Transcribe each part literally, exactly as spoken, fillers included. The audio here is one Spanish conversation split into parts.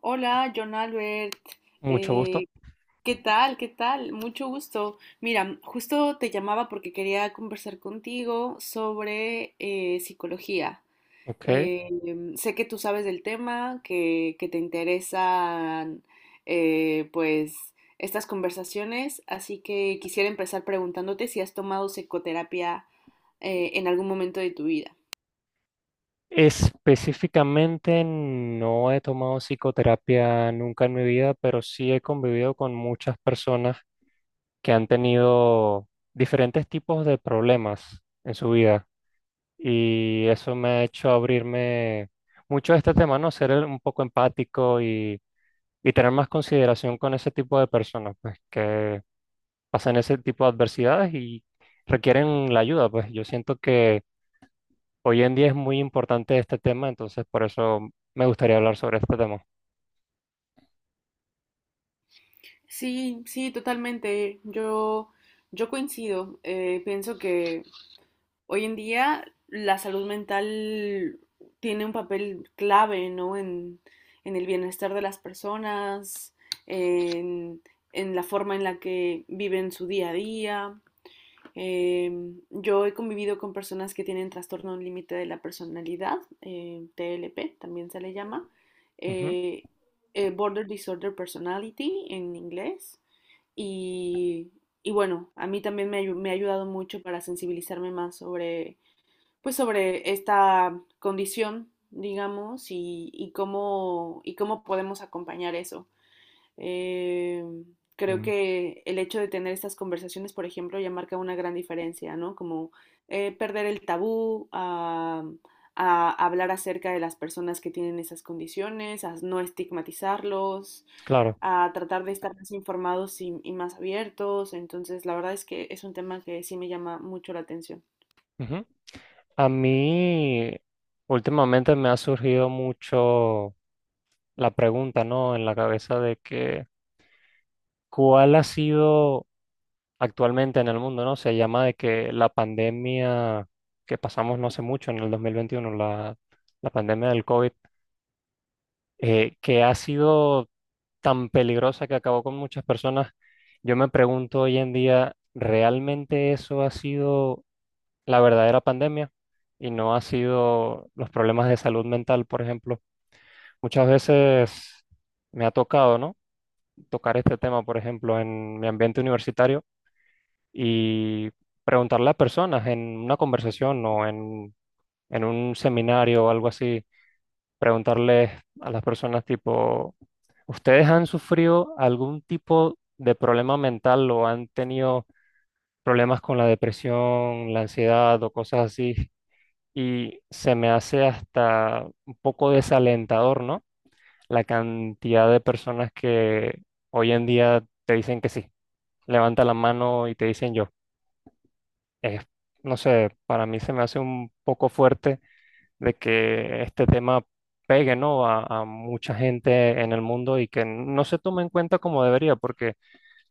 Hola, John Albert. Mucho gusto. Eh, ¿Qué tal? ¿Qué tal? Mucho gusto. Mira, justo te llamaba porque quería conversar contigo sobre eh, psicología. Ok. Eh, em, sé que tú sabes del tema, que, que te interesan eh, pues estas conversaciones, así que quisiera empezar preguntándote si has tomado psicoterapia eh, en algún momento de tu vida. Específicamente no he tomado psicoterapia nunca en mi vida, pero sí he convivido con muchas personas que han tenido diferentes tipos de problemas en su vida. Y eso me ha hecho abrirme mucho a este tema, ¿no? Ser el- un poco empático y, y tener más consideración con ese tipo de personas, pues que pasan ese tipo de adversidades y requieren la ayuda. Pues yo siento que hoy en día es muy importante este tema, entonces por eso me gustaría hablar sobre este tema. Sí, sí, totalmente. Yo, yo coincido. Eh, pienso que hoy en día la salud mental tiene un papel clave, ¿no? En, en el bienestar de las personas, en, en la forma en la que viven su día a día. Eh, yo he convivido con personas que tienen trastorno límite de la personalidad, eh, T L P también se le llama, Ujú. eh, eh, Border Disorder Personality en inglés. Y, y bueno, a mí también me, me, ha ayudado mucho para sensibilizarme más sobre pues sobre esta condición, digamos, y, y cómo, y cómo podemos acompañar eso. Eh, creo mm, que el hecho de tener estas conversaciones, por ejemplo, ya marca una gran diferencia, ¿no? Como eh, perder el tabú a, a hablar acerca de las personas que tienen esas condiciones, a no estigmatizarlos, Claro. a tratar de estar más informados y, y más abiertos. Entonces, la verdad es que es un tema que sí me llama mucho la atención. Ujú. A mí últimamente me ha surgido mucho la pregunta, ¿no? En la cabeza de que ¿cuál ha sido actualmente en el mundo? ¿No? Se llama de que la pandemia que pasamos no hace mucho, en el dos mil veintiuno, la, la pandemia del COVID, eh, que ha sido tan peligrosa que acabó con muchas personas. Yo me pregunto hoy en día, ¿realmente eso ha sido la verdadera pandemia y no ha sido los problemas de salud mental, por ejemplo? Muchas veces me ha tocado, ¿no? Tocar este tema, por ejemplo, en mi ambiente universitario y preguntarle a personas en una conversación o en, en un seminario o algo así, preguntarles a las personas tipo, ¿ustedes han sufrido algún tipo de problema mental o han tenido problemas con la depresión, la ansiedad o cosas así? Y se me hace hasta un poco desalentador, ¿no? La cantidad de personas que hoy en día te dicen que sí, levanta la mano y te dicen yo. Es, no sé, para mí se me hace un poco fuerte de que este tema pegue, ¿no? A, a mucha gente en el mundo y que no se tome en cuenta como debería, porque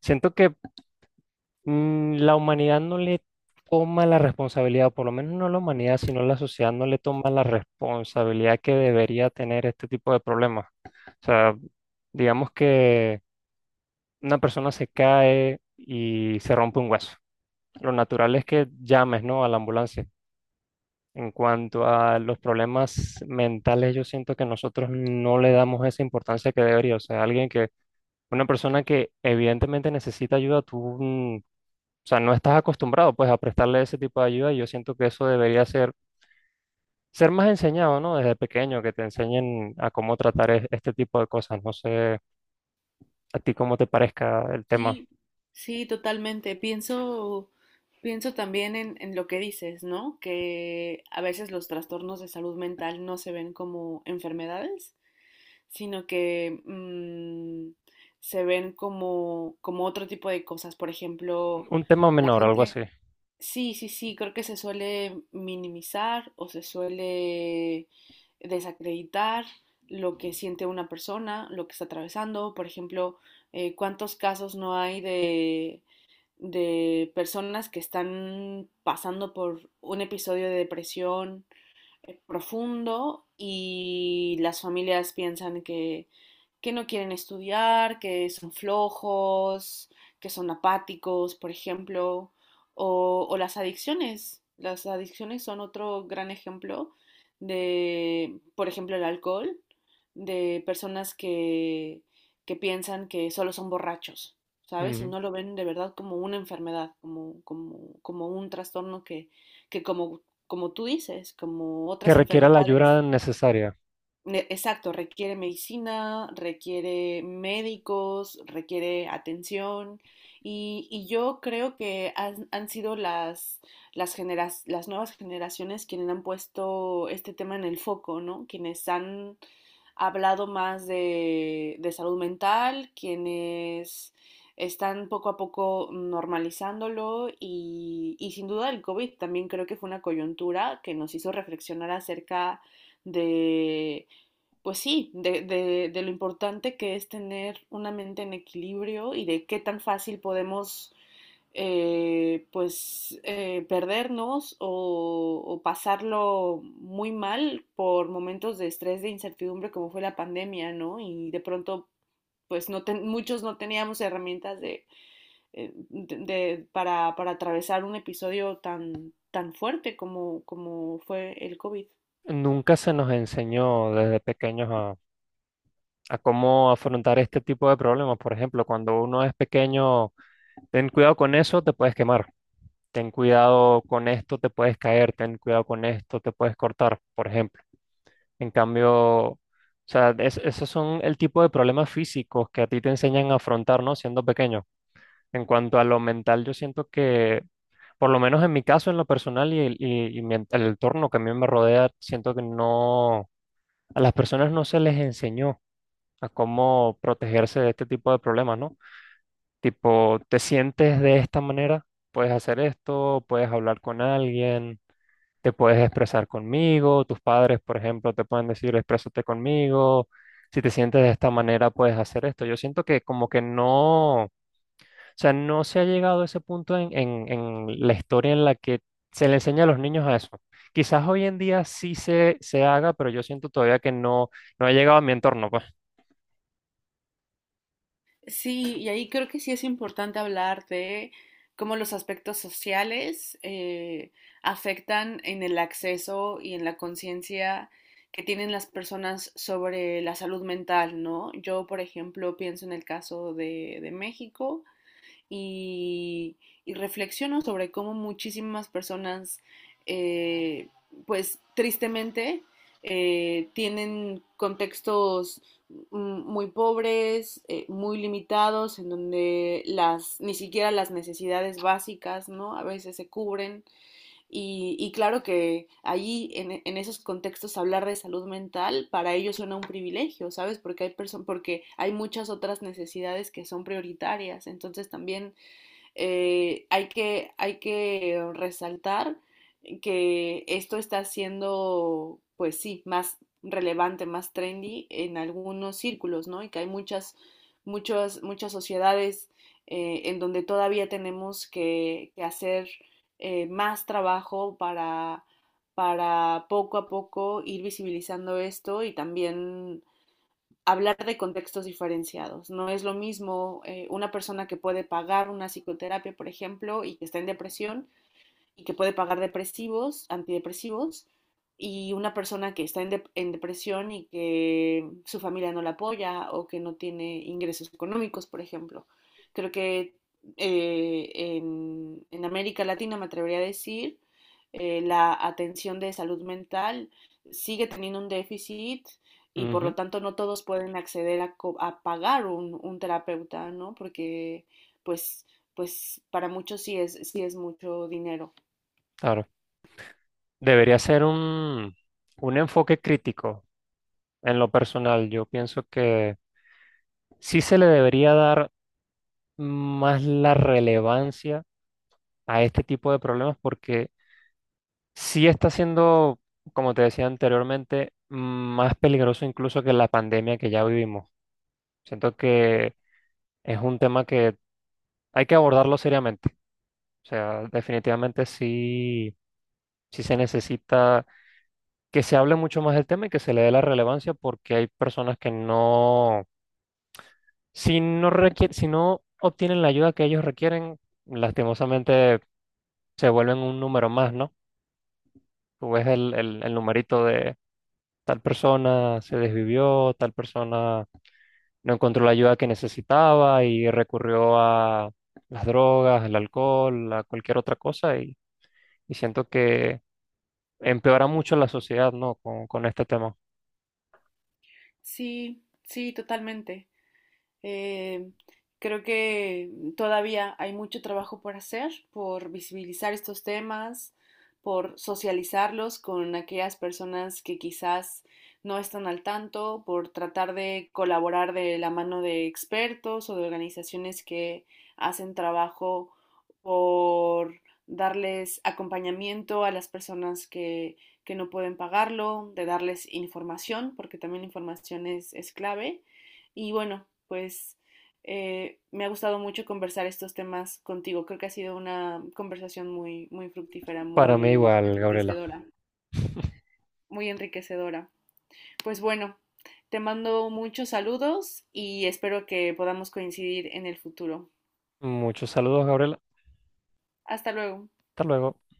siento que mm, la humanidad no le toma la responsabilidad, o por lo menos no la humanidad, sino la sociedad no le toma la responsabilidad que debería tener este tipo de problemas. O sea, digamos que una persona se cae y se rompe un hueso. Lo natural es que llames, ¿no?, a la ambulancia. En cuanto a los problemas mentales, yo siento que nosotros no le damos esa importancia que debería. O sea, alguien que, una persona que evidentemente necesita ayuda, tú, mm, o sea, no estás acostumbrado pues a prestarle ese tipo de ayuda, y yo siento que eso debería ser, ser más enseñado, ¿no? Desde pequeño, que te enseñen a cómo tratar e- este tipo de cosas. No sé a ti cómo te parezca el tema. Sí, sí, totalmente. Pienso, pienso también en, en lo que dices, ¿no? Que a veces los trastornos de salud mental no se ven como enfermedades, sino que mm, se ven como, como otro tipo de cosas. Por ejemplo, Un tema la menor, algo gente, así. sí, sí, sí, creo que se suele minimizar o se suele desacreditar lo que siente una persona, lo que está atravesando. Por ejemplo, eh, ¿cuántos casos no hay de, de personas que están pasando por un episodio de depresión eh, profundo y las familias piensan que, que no quieren estudiar, que son flojos, que son apáticos, por ejemplo, o, o las adicciones. Las adicciones son otro gran ejemplo de, por ejemplo, el alcohol, de personas que, que piensan que solo son borrachos, ¿sabes? Y Ujú. no lo ven de verdad como una enfermedad, como, como, como un trastorno que, que como como tú dices, como Que otras requiera la enfermedades. ayuda necesaria. Ne- Exacto, requiere medicina, requiere médicos, requiere atención y, y yo creo que han, han sido las, las, generas- las nuevas generaciones quienes han puesto este tema en el foco, ¿no? Quienes han hablado más de, de salud mental, quienes están poco a poco normalizándolo y, y sin duda el COVID también creo que fue una coyuntura que nos hizo reflexionar acerca de pues sí, de, de, de lo importante que es tener una mente en equilibrio y de qué tan fácil podemos eh, pues eh, perdernos o, o, pasarlo muy mal por momentos de estrés, de incertidumbre como fue la pandemia, ¿no? Y de pronto pues no ten, muchos no teníamos herramientas de, eh, de, de para, para atravesar un episodio tan, tan fuerte como, como fue el COVID. Nunca se nos enseñó desde pequeños a a cómo afrontar este tipo de problemas. Por ejemplo, cuando uno es pequeño, ten cuidado con eso, te puedes quemar. Ten cuidado con esto, te puedes caer. Ten cuidado con esto, te puedes cortar, por ejemplo. En cambio, o sea, es- esos son el tipo de problemas físicos que a ti te enseñan a afrontar, ¿no? Siendo pequeño. En cuanto a lo mental, yo siento que, por lo menos en mi caso, en lo personal y, el- y, y mi en- el entorno que a mí me rodea, siento que no, a las personas no se les enseñó a cómo protegerse de este tipo de problemas, ¿no? Tipo, te sientes de esta manera, puedes hacer esto, puedes hablar con alguien, te puedes expresar conmigo, tus padres, por ejemplo, te pueden decir, exprésate conmigo, si te sientes de esta manera, puedes hacer esto. Yo siento que como que no, o sea, no se ha llegado a ese punto en, en, en la historia en la que se le enseña a los niños a eso. Quizás hoy en día sí se, se haga, pero yo siento todavía que no, no ha llegado a mi entorno, pues. Sí, y ahí creo que sí es importante hablar de cómo los aspectos sociales eh, afectan en el acceso y en la conciencia que tienen las personas sobre la salud mental, ¿no? Yo, por ejemplo, pienso en el caso de, de México, y, y reflexiono sobre cómo muchísimas personas, eh, pues tristemente, eh, tienen contextos muy pobres, eh, muy limitados, en donde las, ni siquiera las necesidades básicas, ¿no? A veces se cubren. Y, y claro que allí, en, en, esos contextos, hablar de salud mental para ellos suena un privilegio, ¿sabes? Porque hay, perso- porque hay muchas otras necesidades que son prioritarias. Entonces también eh, hay que, hay que resaltar que esto está siendo, pues sí, más relevante, más trendy en algunos círculos, ¿no? Y que hay muchas, muchas, muchas sociedades eh, en donde todavía tenemos que, que hacer eh, más trabajo para, para poco a poco ir visibilizando esto y también hablar de contextos diferenciados. No es lo mismo eh, una persona que puede pagar una psicoterapia, por ejemplo, y que está en depresión y que puede pagar depresivos, antidepresivos, y una persona que está en, de en depresión y que su familia no la apoya o que no tiene ingresos económicos, por ejemplo. Creo que eh, en, en América Latina me atrevería a decir eh, la atención de salud mental sigue teniendo un déficit y por lo Ujú, tanto no todos pueden acceder a, co- a pagar un, un terapeuta, ¿no? Porque pues, pues para muchos sí es, sí es mucho dinero. claro. Debería ser un, un enfoque crítico en lo personal. Yo pienso que sí se le debería dar más la relevancia a este tipo de problemas porque sí está siendo, como te decía anteriormente, más peligroso incluso que la pandemia que ya vivimos. Siento que es un tema que hay que abordarlo seriamente. O sea, definitivamente sí, sí se necesita que se hable mucho más del tema y que se le dé la relevancia, porque hay personas que no. Si no requier- si no obtienen la ayuda que ellos requieren, lastimosamente se vuelven un número más, ¿no? Tú ves el, el, el numerito de tal persona se desvivió, tal persona no encontró la ayuda que necesitaba y recurrió a las drogas, el alcohol, a cualquier otra cosa, y, y siento que empeora mucho la sociedad, ¿no? Con, con este tema. Sí, sí, totalmente. Eh, creo que todavía hay mucho trabajo por hacer, por visibilizar estos temas, por socializarlos con aquellas personas que quizás no están al tanto, por tratar de colaborar de la mano de expertos o de organizaciones que hacen trabajo por darles acompañamiento a las personas que, que no pueden pagarlo, de darles información, porque también la información es, es clave. Y bueno, pues eh, me ha gustado mucho conversar estos temas contigo. Creo que ha sido una conversación muy, muy fructífera, Para mí muy igual, Gabriela. enriquecedora, muy enriquecedora. Pues bueno, te mando muchos saludos y espero que podamos coincidir en el futuro. Muchos saludos, Gabriela. Hasta luego. Hasta luego.